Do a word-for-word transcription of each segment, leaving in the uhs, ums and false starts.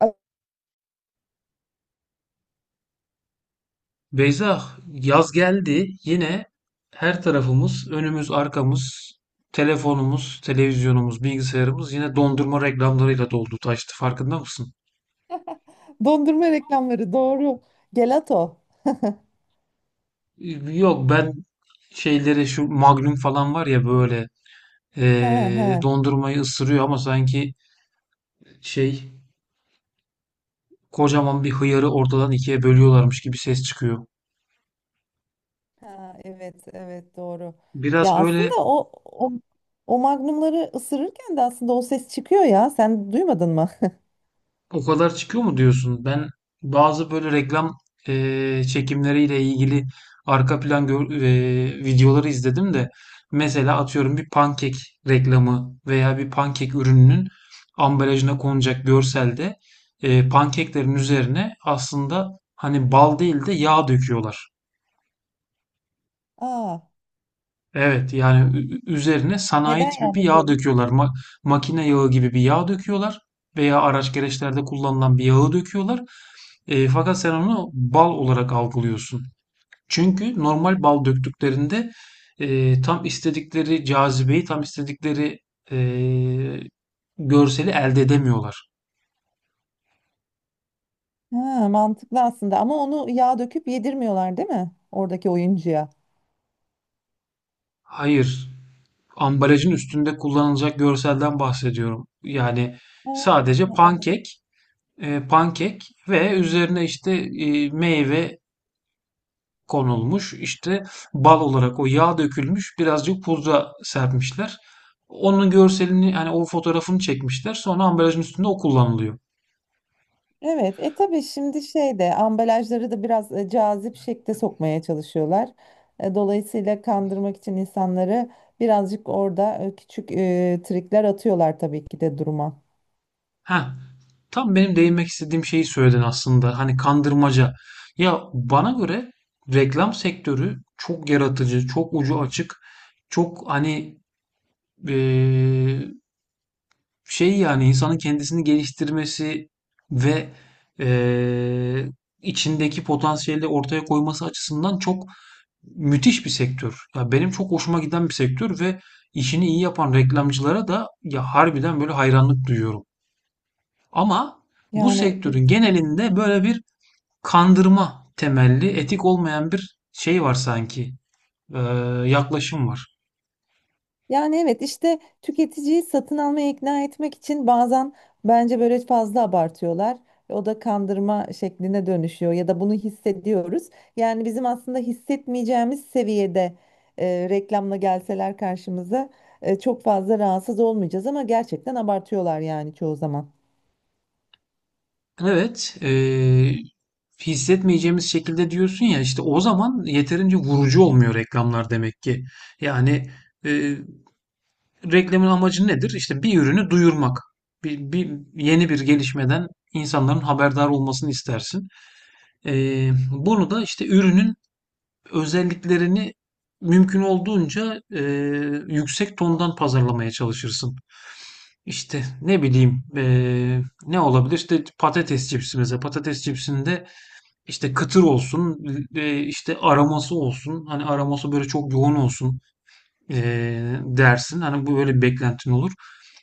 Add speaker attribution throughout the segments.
Speaker 1: Beyza, yaz geldi. Yine her tarafımız, önümüz, arkamız, telefonumuz, televizyonumuz, bilgisayarımız yine dondurma reklamlarıyla doldu, taştı. Farkında mısın?
Speaker 2: Dondurma reklamları doğru. Gelato.
Speaker 1: Ee, Yok ben şeyleri şu Magnum falan var ya böyle
Speaker 2: He
Speaker 1: ee,
Speaker 2: he.
Speaker 1: dondurmayı ısırıyor ama sanki şey kocaman bir hıyarı ortadan ikiye bölüyorlarmış gibi ses çıkıyor.
Speaker 2: Ha, evet evet doğru. Ya
Speaker 1: Biraz böyle
Speaker 2: aslında o, o o magnumları ısırırken de aslında o ses çıkıyor ya. Sen duymadın mı?
Speaker 1: o kadar çıkıyor mu diyorsun? Ben bazı böyle reklam eee, çekimleriyle ilgili arka plan gör- eee, videoları izledim de. Mesela atıyorum bir pankek reklamı veya bir pankek ürününün ambalajına konacak görselde eee, pankeklerin üzerine aslında hani bal değil de yağ döküyorlar.
Speaker 2: Aa,
Speaker 1: Evet yani ü- ü- üzerine sanayi
Speaker 2: neden
Speaker 1: tipi
Speaker 2: yağ
Speaker 1: bir yağ
Speaker 2: döküyorsun?
Speaker 1: döküyorlar. Ma- makine yağı gibi bir yağ döküyorlar veya araç gereçlerde kullanılan bir yağı döküyorlar. E, fakat sen onu bal olarak algılıyorsun. Çünkü normal bal döktüklerinde e, tam istedikleri cazibeyi, tam istedikleri e, görseli elde edemiyorlar.
Speaker 2: Ha, mantıklı aslında ama onu yağ döküp yedirmiyorlar değil mi? Oradaki oyuncuya.
Speaker 1: Hayır, ambalajın üstünde kullanılacak görselden bahsediyorum. Yani
Speaker 2: Ha,
Speaker 1: sadece
Speaker 2: ha, anladım.
Speaker 1: pankek, e, pankek ve üzerine işte e, meyve konulmuş. İşte bal olarak o yağ dökülmüş. Birazcık pudra serpmişler. Onun görselini yani o fotoğrafını çekmişler. Sonra ambalajın üstünde o kullanılıyor.
Speaker 2: Evet, e tabii şimdi şeyde ambalajları da biraz e, cazip şekle sokmaya çalışıyorlar. E, dolayısıyla kandırmak için insanları birazcık orada e, küçük e, trikler atıyorlar tabii ki de duruma.
Speaker 1: Heh, tam benim değinmek istediğim şeyi söyledin aslında. Hani kandırmaca. Ya bana göre reklam sektörü çok yaratıcı, çok ucu açık, çok hani eee, şey yani insanın kendisini geliştirmesi ve eee, içindeki potansiyeli ortaya koyması açısından çok müthiş bir sektör. Ya benim çok hoşuma giden bir sektör ve işini iyi yapan reklamcılara da ya harbiden böyle hayranlık duyuyorum. Ama bu
Speaker 2: Yani
Speaker 1: sektörün genelinde böyle bir kandırma temelli, etik olmayan bir şey var sanki. Ee, Yaklaşım var.
Speaker 2: Yani evet işte tüketiciyi satın almaya ikna etmek için bazen bence böyle fazla abartıyorlar. O da kandırma şekline dönüşüyor ya da bunu hissediyoruz. Yani bizim aslında hissetmeyeceğimiz seviyede e, reklamla gelseler karşımıza e, çok fazla rahatsız olmayacağız ama gerçekten abartıyorlar yani çoğu zaman.
Speaker 1: Evet, ee, hissetmeyeceğimiz şekilde diyorsun ya işte o zaman yeterince vurucu olmuyor reklamlar demek ki. Yani e, reklamın amacı nedir? İşte bir ürünü duyurmak. Bir, bir yeni bir gelişmeden insanların haberdar olmasını istersin. Ee, Bunu da işte ürünün özelliklerini mümkün olduğunca e, yüksek tondan pazarlamaya çalışırsın. İşte ne bileyim e, ne olabilir? İşte patates cipsi mesela. Patates cipsinde işte kıtır olsun, e, işte aroması olsun. Hani aroması böyle çok yoğun olsun e, dersin. Hani bu böyle bir beklentin olur.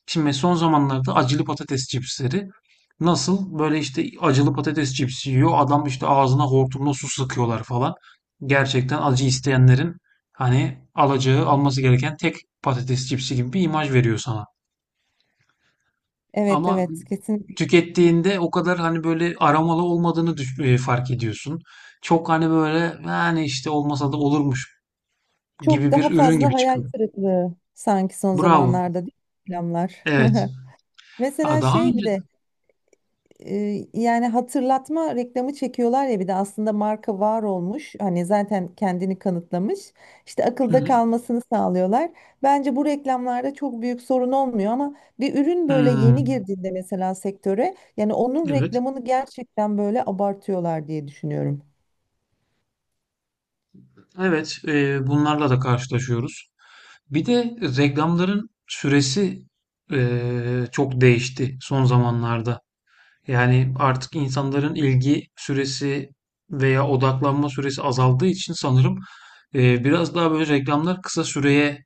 Speaker 1: Şimdi son zamanlarda acılı patates cipsleri nasıl böyle işte acılı patates cipsi yiyor. Adam işte ağzına hortumla su sıkıyorlar falan. Gerçekten acı isteyenlerin hani alacağı alması gereken tek patates cipsi gibi bir imaj veriyor sana.
Speaker 2: Evet
Speaker 1: Ama
Speaker 2: evet kesinlikle.
Speaker 1: tükettiğinde o kadar hani böyle aromalı olmadığını düş- e, fark ediyorsun. Çok hani böyle yani işte olmasa da olurmuş
Speaker 2: Çok
Speaker 1: gibi bir
Speaker 2: daha
Speaker 1: ürün
Speaker 2: fazla
Speaker 1: gibi
Speaker 2: hayal
Speaker 1: çıkıyor.
Speaker 2: kırıklığı sanki son
Speaker 1: Bravo.
Speaker 2: zamanlarda değil mi reklamlar.
Speaker 1: Evet. Aa,
Speaker 2: Mesela
Speaker 1: daha
Speaker 2: şey bir
Speaker 1: önce...
Speaker 2: de e, yani hatırlatma reklamı çekiyorlar ya bir de aslında marka var olmuş. Hani zaten kendini kanıtlamış. İşte
Speaker 1: Hı
Speaker 2: akılda
Speaker 1: hı.
Speaker 2: kalmasını sağlıyorlar. Bence bu reklamlarda çok büyük sorun olmuyor ama bir ürün böyle
Speaker 1: Hmm.
Speaker 2: yeni girdiğinde mesela sektöre yani onun
Speaker 1: Evet.
Speaker 2: reklamını gerçekten böyle abartıyorlar diye düşünüyorum.
Speaker 1: Evet, e, bunlarla da karşılaşıyoruz. Bir de reklamların süresi e, çok değişti son zamanlarda. Yani artık insanların ilgi süresi veya odaklanma süresi azaldığı için sanırım e, biraz daha böyle reklamlar kısa süreye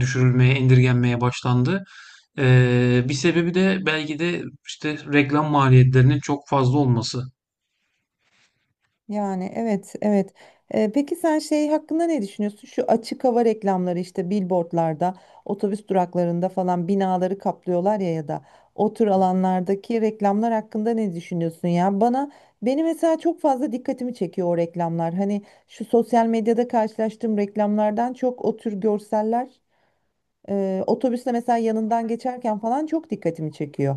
Speaker 1: düşürülmeye, indirgenmeye başlandı. E, bir sebebi de belki de işte reklam maliyetlerinin çok fazla olması.
Speaker 2: Yani evet evet. Ee, peki sen şey hakkında ne düşünüyorsun? Şu açık hava reklamları işte billboardlarda, otobüs duraklarında falan binaları kaplıyorlar ya ya da o tür alanlardaki reklamlar hakkında ne düşünüyorsun ya? Bana beni mesela çok fazla dikkatimi çekiyor o reklamlar. Hani şu sosyal medyada karşılaştığım reklamlardan çok o tür görseller ee, otobüsle mesela yanından geçerken falan çok dikkatimi çekiyor.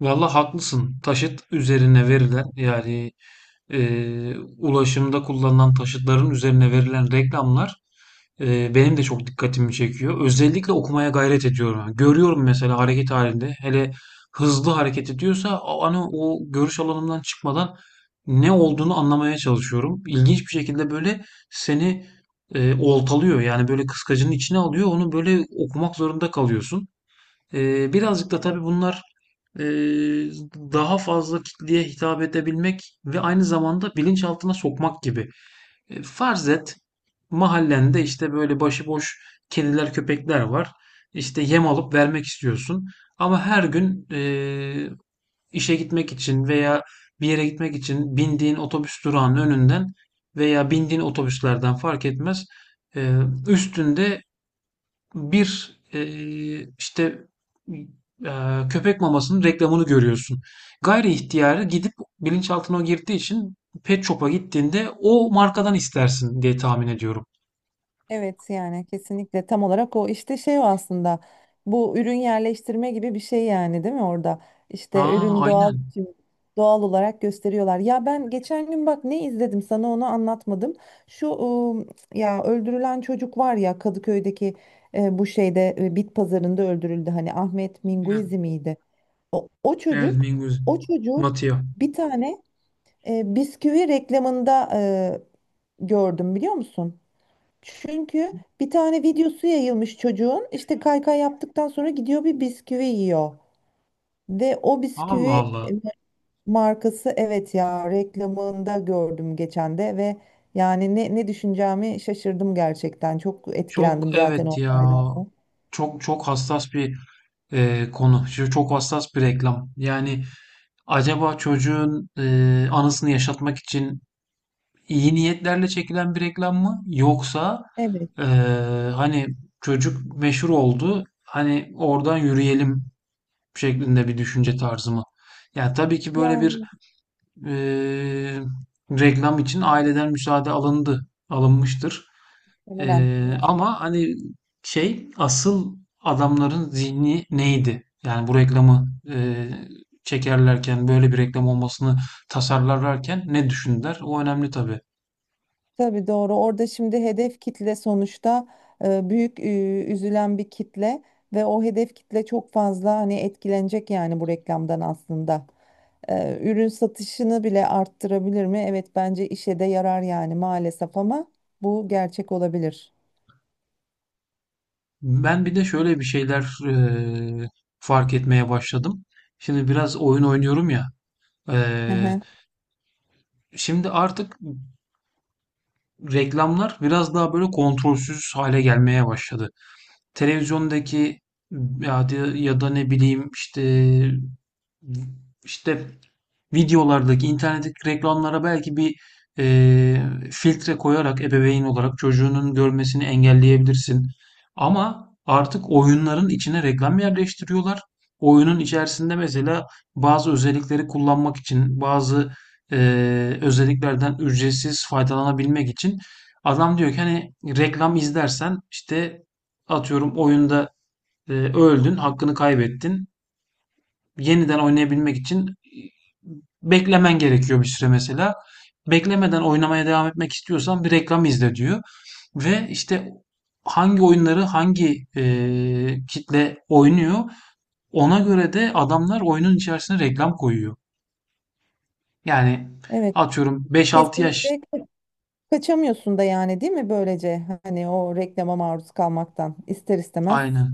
Speaker 1: Valla haklısın. Taşıt üzerine verilen yani e, ulaşımda kullanılan taşıtların üzerine verilen reklamlar e, benim de çok dikkatimi çekiyor. Özellikle okumaya gayret ediyorum. Yani görüyorum mesela hareket halinde hele hızlı hareket ediyorsa o- hani o görüş alanımdan çıkmadan ne olduğunu anlamaya çalışıyorum. İlginç bir şekilde böyle seni e, oltalıyor. Yani böyle kıskacının içine alıyor. Onu böyle okumak zorunda kalıyorsun. Ee, birazcık da tabii
Speaker 2: Evet.
Speaker 1: bunlar e, daha fazla kitleye hitap edebilmek ve aynı zamanda bilinçaltına sokmak gibi. E, farz et mahallende işte böyle başıboş kediler köpekler var. İşte yem alıp vermek istiyorsun. Ama her gün e, işe gitmek için veya bir yere gitmek için bindiğin otobüs durağının önünden veya bindiğin otobüslerden fark etmez. e, Üstünde bir e, işte e, köpek mamasının reklamını görüyorsun. Gayri ihtiyarı gidip bilinçaltına o girdiği için pet shop'a gittiğinde o markadan istersin diye tahmin ediyorum.
Speaker 2: Evet yani kesinlikle tam olarak o işte şey o aslında bu ürün yerleştirme gibi bir şey yani değil mi orada işte
Speaker 1: Aa
Speaker 2: ürün doğal
Speaker 1: aynen.
Speaker 2: biçim doğal olarak gösteriyorlar ya, ben geçen gün bak ne izledim sana onu anlatmadım şu ıı, ya öldürülen çocuk var ya Kadıköy'deki e, bu şeyde e, bit pazarında öldürüldü hani Ahmet
Speaker 1: Evet,
Speaker 2: Minguizi miydi o, o
Speaker 1: evet,
Speaker 2: çocuk,
Speaker 1: Mingus.
Speaker 2: o çocuğu
Speaker 1: Matia.
Speaker 2: bir tane e, bisküvi reklamında e, gördüm biliyor musun? Çünkü bir tane videosu yayılmış çocuğun, işte kaykay yaptıktan sonra gidiyor bir bisküvi yiyor. Ve o
Speaker 1: Allah
Speaker 2: bisküvi
Speaker 1: Allah.
Speaker 2: e, markası, evet ya, reklamında gördüm geçen de. Ve yani ne, ne düşüneceğimi şaşırdım gerçekten. Çok etkilendim
Speaker 1: Çok
Speaker 2: zaten
Speaker 1: evet
Speaker 2: o
Speaker 1: ya.
Speaker 2: olaydan.
Speaker 1: Çok çok hassas bir e, konu. Şu Çok hassas bir reklam. Yani acaba çocuğun e, anısını yaşatmak için iyi niyetlerle çekilen bir reklam mı? Yoksa
Speaker 2: Evet
Speaker 1: eee, hani çocuk meşhur oldu, hani oradan yürüyelim şeklinde bir düşünce tarzı mı? Yani tabii ki böyle bir
Speaker 2: yani
Speaker 1: eee, reklam için aileden müsaade alındı, alınmıştır.
Speaker 2: muhtemelen
Speaker 1: Eee,
Speaker 2: diye
Speaker 1: ama
Speaker 2: düşünüyorum.
Speaker 1: hani şey asıl adamların zihni neydi? Yani bu reklamı eee, çekerlerken böyle bir reklam olmasını tasarlarlarken ne düşündüler? O önemli tabii.
Speaker 2: Tabii doğru. Orada şimdi hedef kitle sonuçta e, büyük e, üzülen bir kitle ve o hedef kitle çok fazla hani etkilenecek yani bu reklamdan aslında. E, ürün satışını bile arttırabilir mi? Evet bence işe de yarar yani maalesef, ama bu gerçek olabilir.
Speaker 1: Ben bir de şöyle bir şeyler eee, fark etmeye başladım. Şimdi biraz oyun oynuyorum ya.
Speaker 2: Hı hı.
Speaker 1: eee, Şimdi artık reklamlar biraz daha böyle kontrolsüz hale gelmeye başladı. Televizyondaki ya, da- ya da ne bileyim işte işte videolardaki, internetteki reklamlara belki bir eee, filtre koyarak ebeveyn olarak çocuğunun görmesini engelleyebilirsin. Ama artık oyunların içine reklam yerleştiriyorlar. Oyunun içerisinde mesela bazı özellikleri kullanmak için, bazı eee, özelliklerden ücretsiz faydalanabilmek için adam diyor ki hani reklam izlersen işte atıyorum oyunda eee, öldün, hakkını kaybettin, yeniden oynayabilmek için beklemen gerekiyor bir süre mesela. Beklemeden oynamaya devam etmek istiyorsan bir reklam izle diyor. Ve işte hangi oyunları hangi eee, kitle oynuyor ona göre de adamlar oyunun içerisine reklam koyuyor. Yani
Speaker 2: Evet
Speaker 1: atıyorum beş altı
Speaker 2: kesinlikle
Speaker 1: yaş
Speaker 2: ka- kaçamıyorsun da yani değil mi, böylece hani o reklama maruz kalmaktan ister istemez.
Speaker 1: aynen.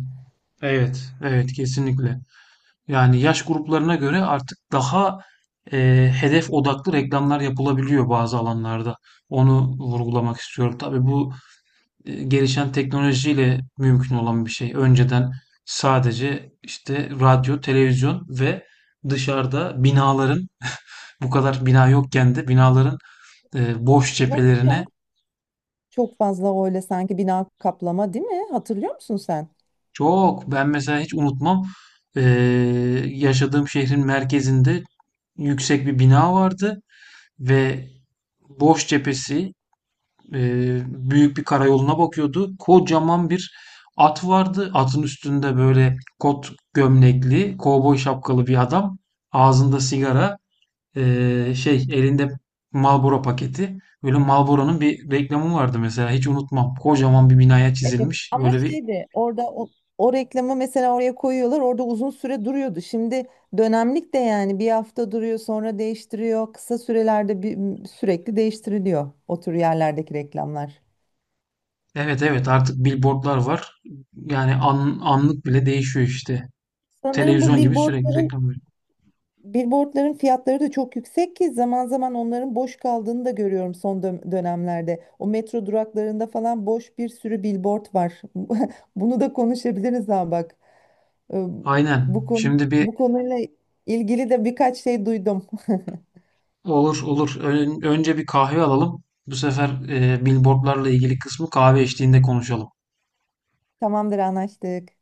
Speaker 1: Evet, evet kesinlikle. Yani yaş gruplarına göre artık daha e, hedef odaklı reklamlar yapılabiliyor bazı alanlarda. Onu vurgulamak istiyorum. Tabii bu e, gelişen teknolojiyle mümkün olan bir şey. Önceden sadece işte radyo, televizyon ve dışarıda binaların bu kadar bina yokken de binaların e, boş
Speaker 2: Yoktu ya.
Speaker 1: cephelerine
Speaker 2: Çok fazla öyle sanki bina kaplama değil mi? Hatırlıyor musun sen?
Speaker 1: çok ben mesela hiç unutmam e, yaşadığım şehrin merkezinde yüksek bir bina vardı. Ve boş cephesi eee, büyük bir karayoluna bakıyordu. Kocaman bir at vardı. Atın üstünde böyle kot gömlekli, kovboy şapkalı bir adam. Ağzında sigara, eee, şey elinde Marlboro paketi. Böyle Marlboro'nun bir reklamı vardı mesela. Hiç unutmam. Kocaman bir binaya
Speaker 2: Evet
Speaker 1: çizilmiş.
Speaker 2: ama
Speaker 1: Böyle bir
Speaker 2: şeydi orada o, o reklamı mesela oraya koyuyorlar, orada uzun süre duruyordu. Şimdi dönemlik de, yani bir hafta duruyor sonra değiştiriyor. Kısa sürelerde bir, sürekli değiştiriliyor o tür yerlerdeki reklamlar.
Speaker 1: evet evet artık billboardlar var. Yani an- anlık bile değişiyor işte.
Speaker 2: Sanırım bu
Speaker 1: Televizyon gibi sürekli
Speaker 2: billboardların
Speaker 1: reklam veriyor.
Speaker 2: billboardların fiyatları da çok yüksek ki zaman zaman onların boş kaldığını da görüyorum son dö- dönemlerde. O metro duraklarında falan boş bir sürü billboard var. Bunu da konuşabiliriz ha bak. Ee,
Speaker 1: Aynen.
Speaker 2: Bu konu,
Speaker 1: Şimdi bir
Speaker 2: bu konuyla ilgili de birkaç şey duydum.
Speaker 1: olur olur. Ön- önce bir kahve alalım. Bu sefer e, billboardlarla ilgili kısmı kahve içtiğinde konuşalım.
Speaker 2: Tamamdır, anlaştık.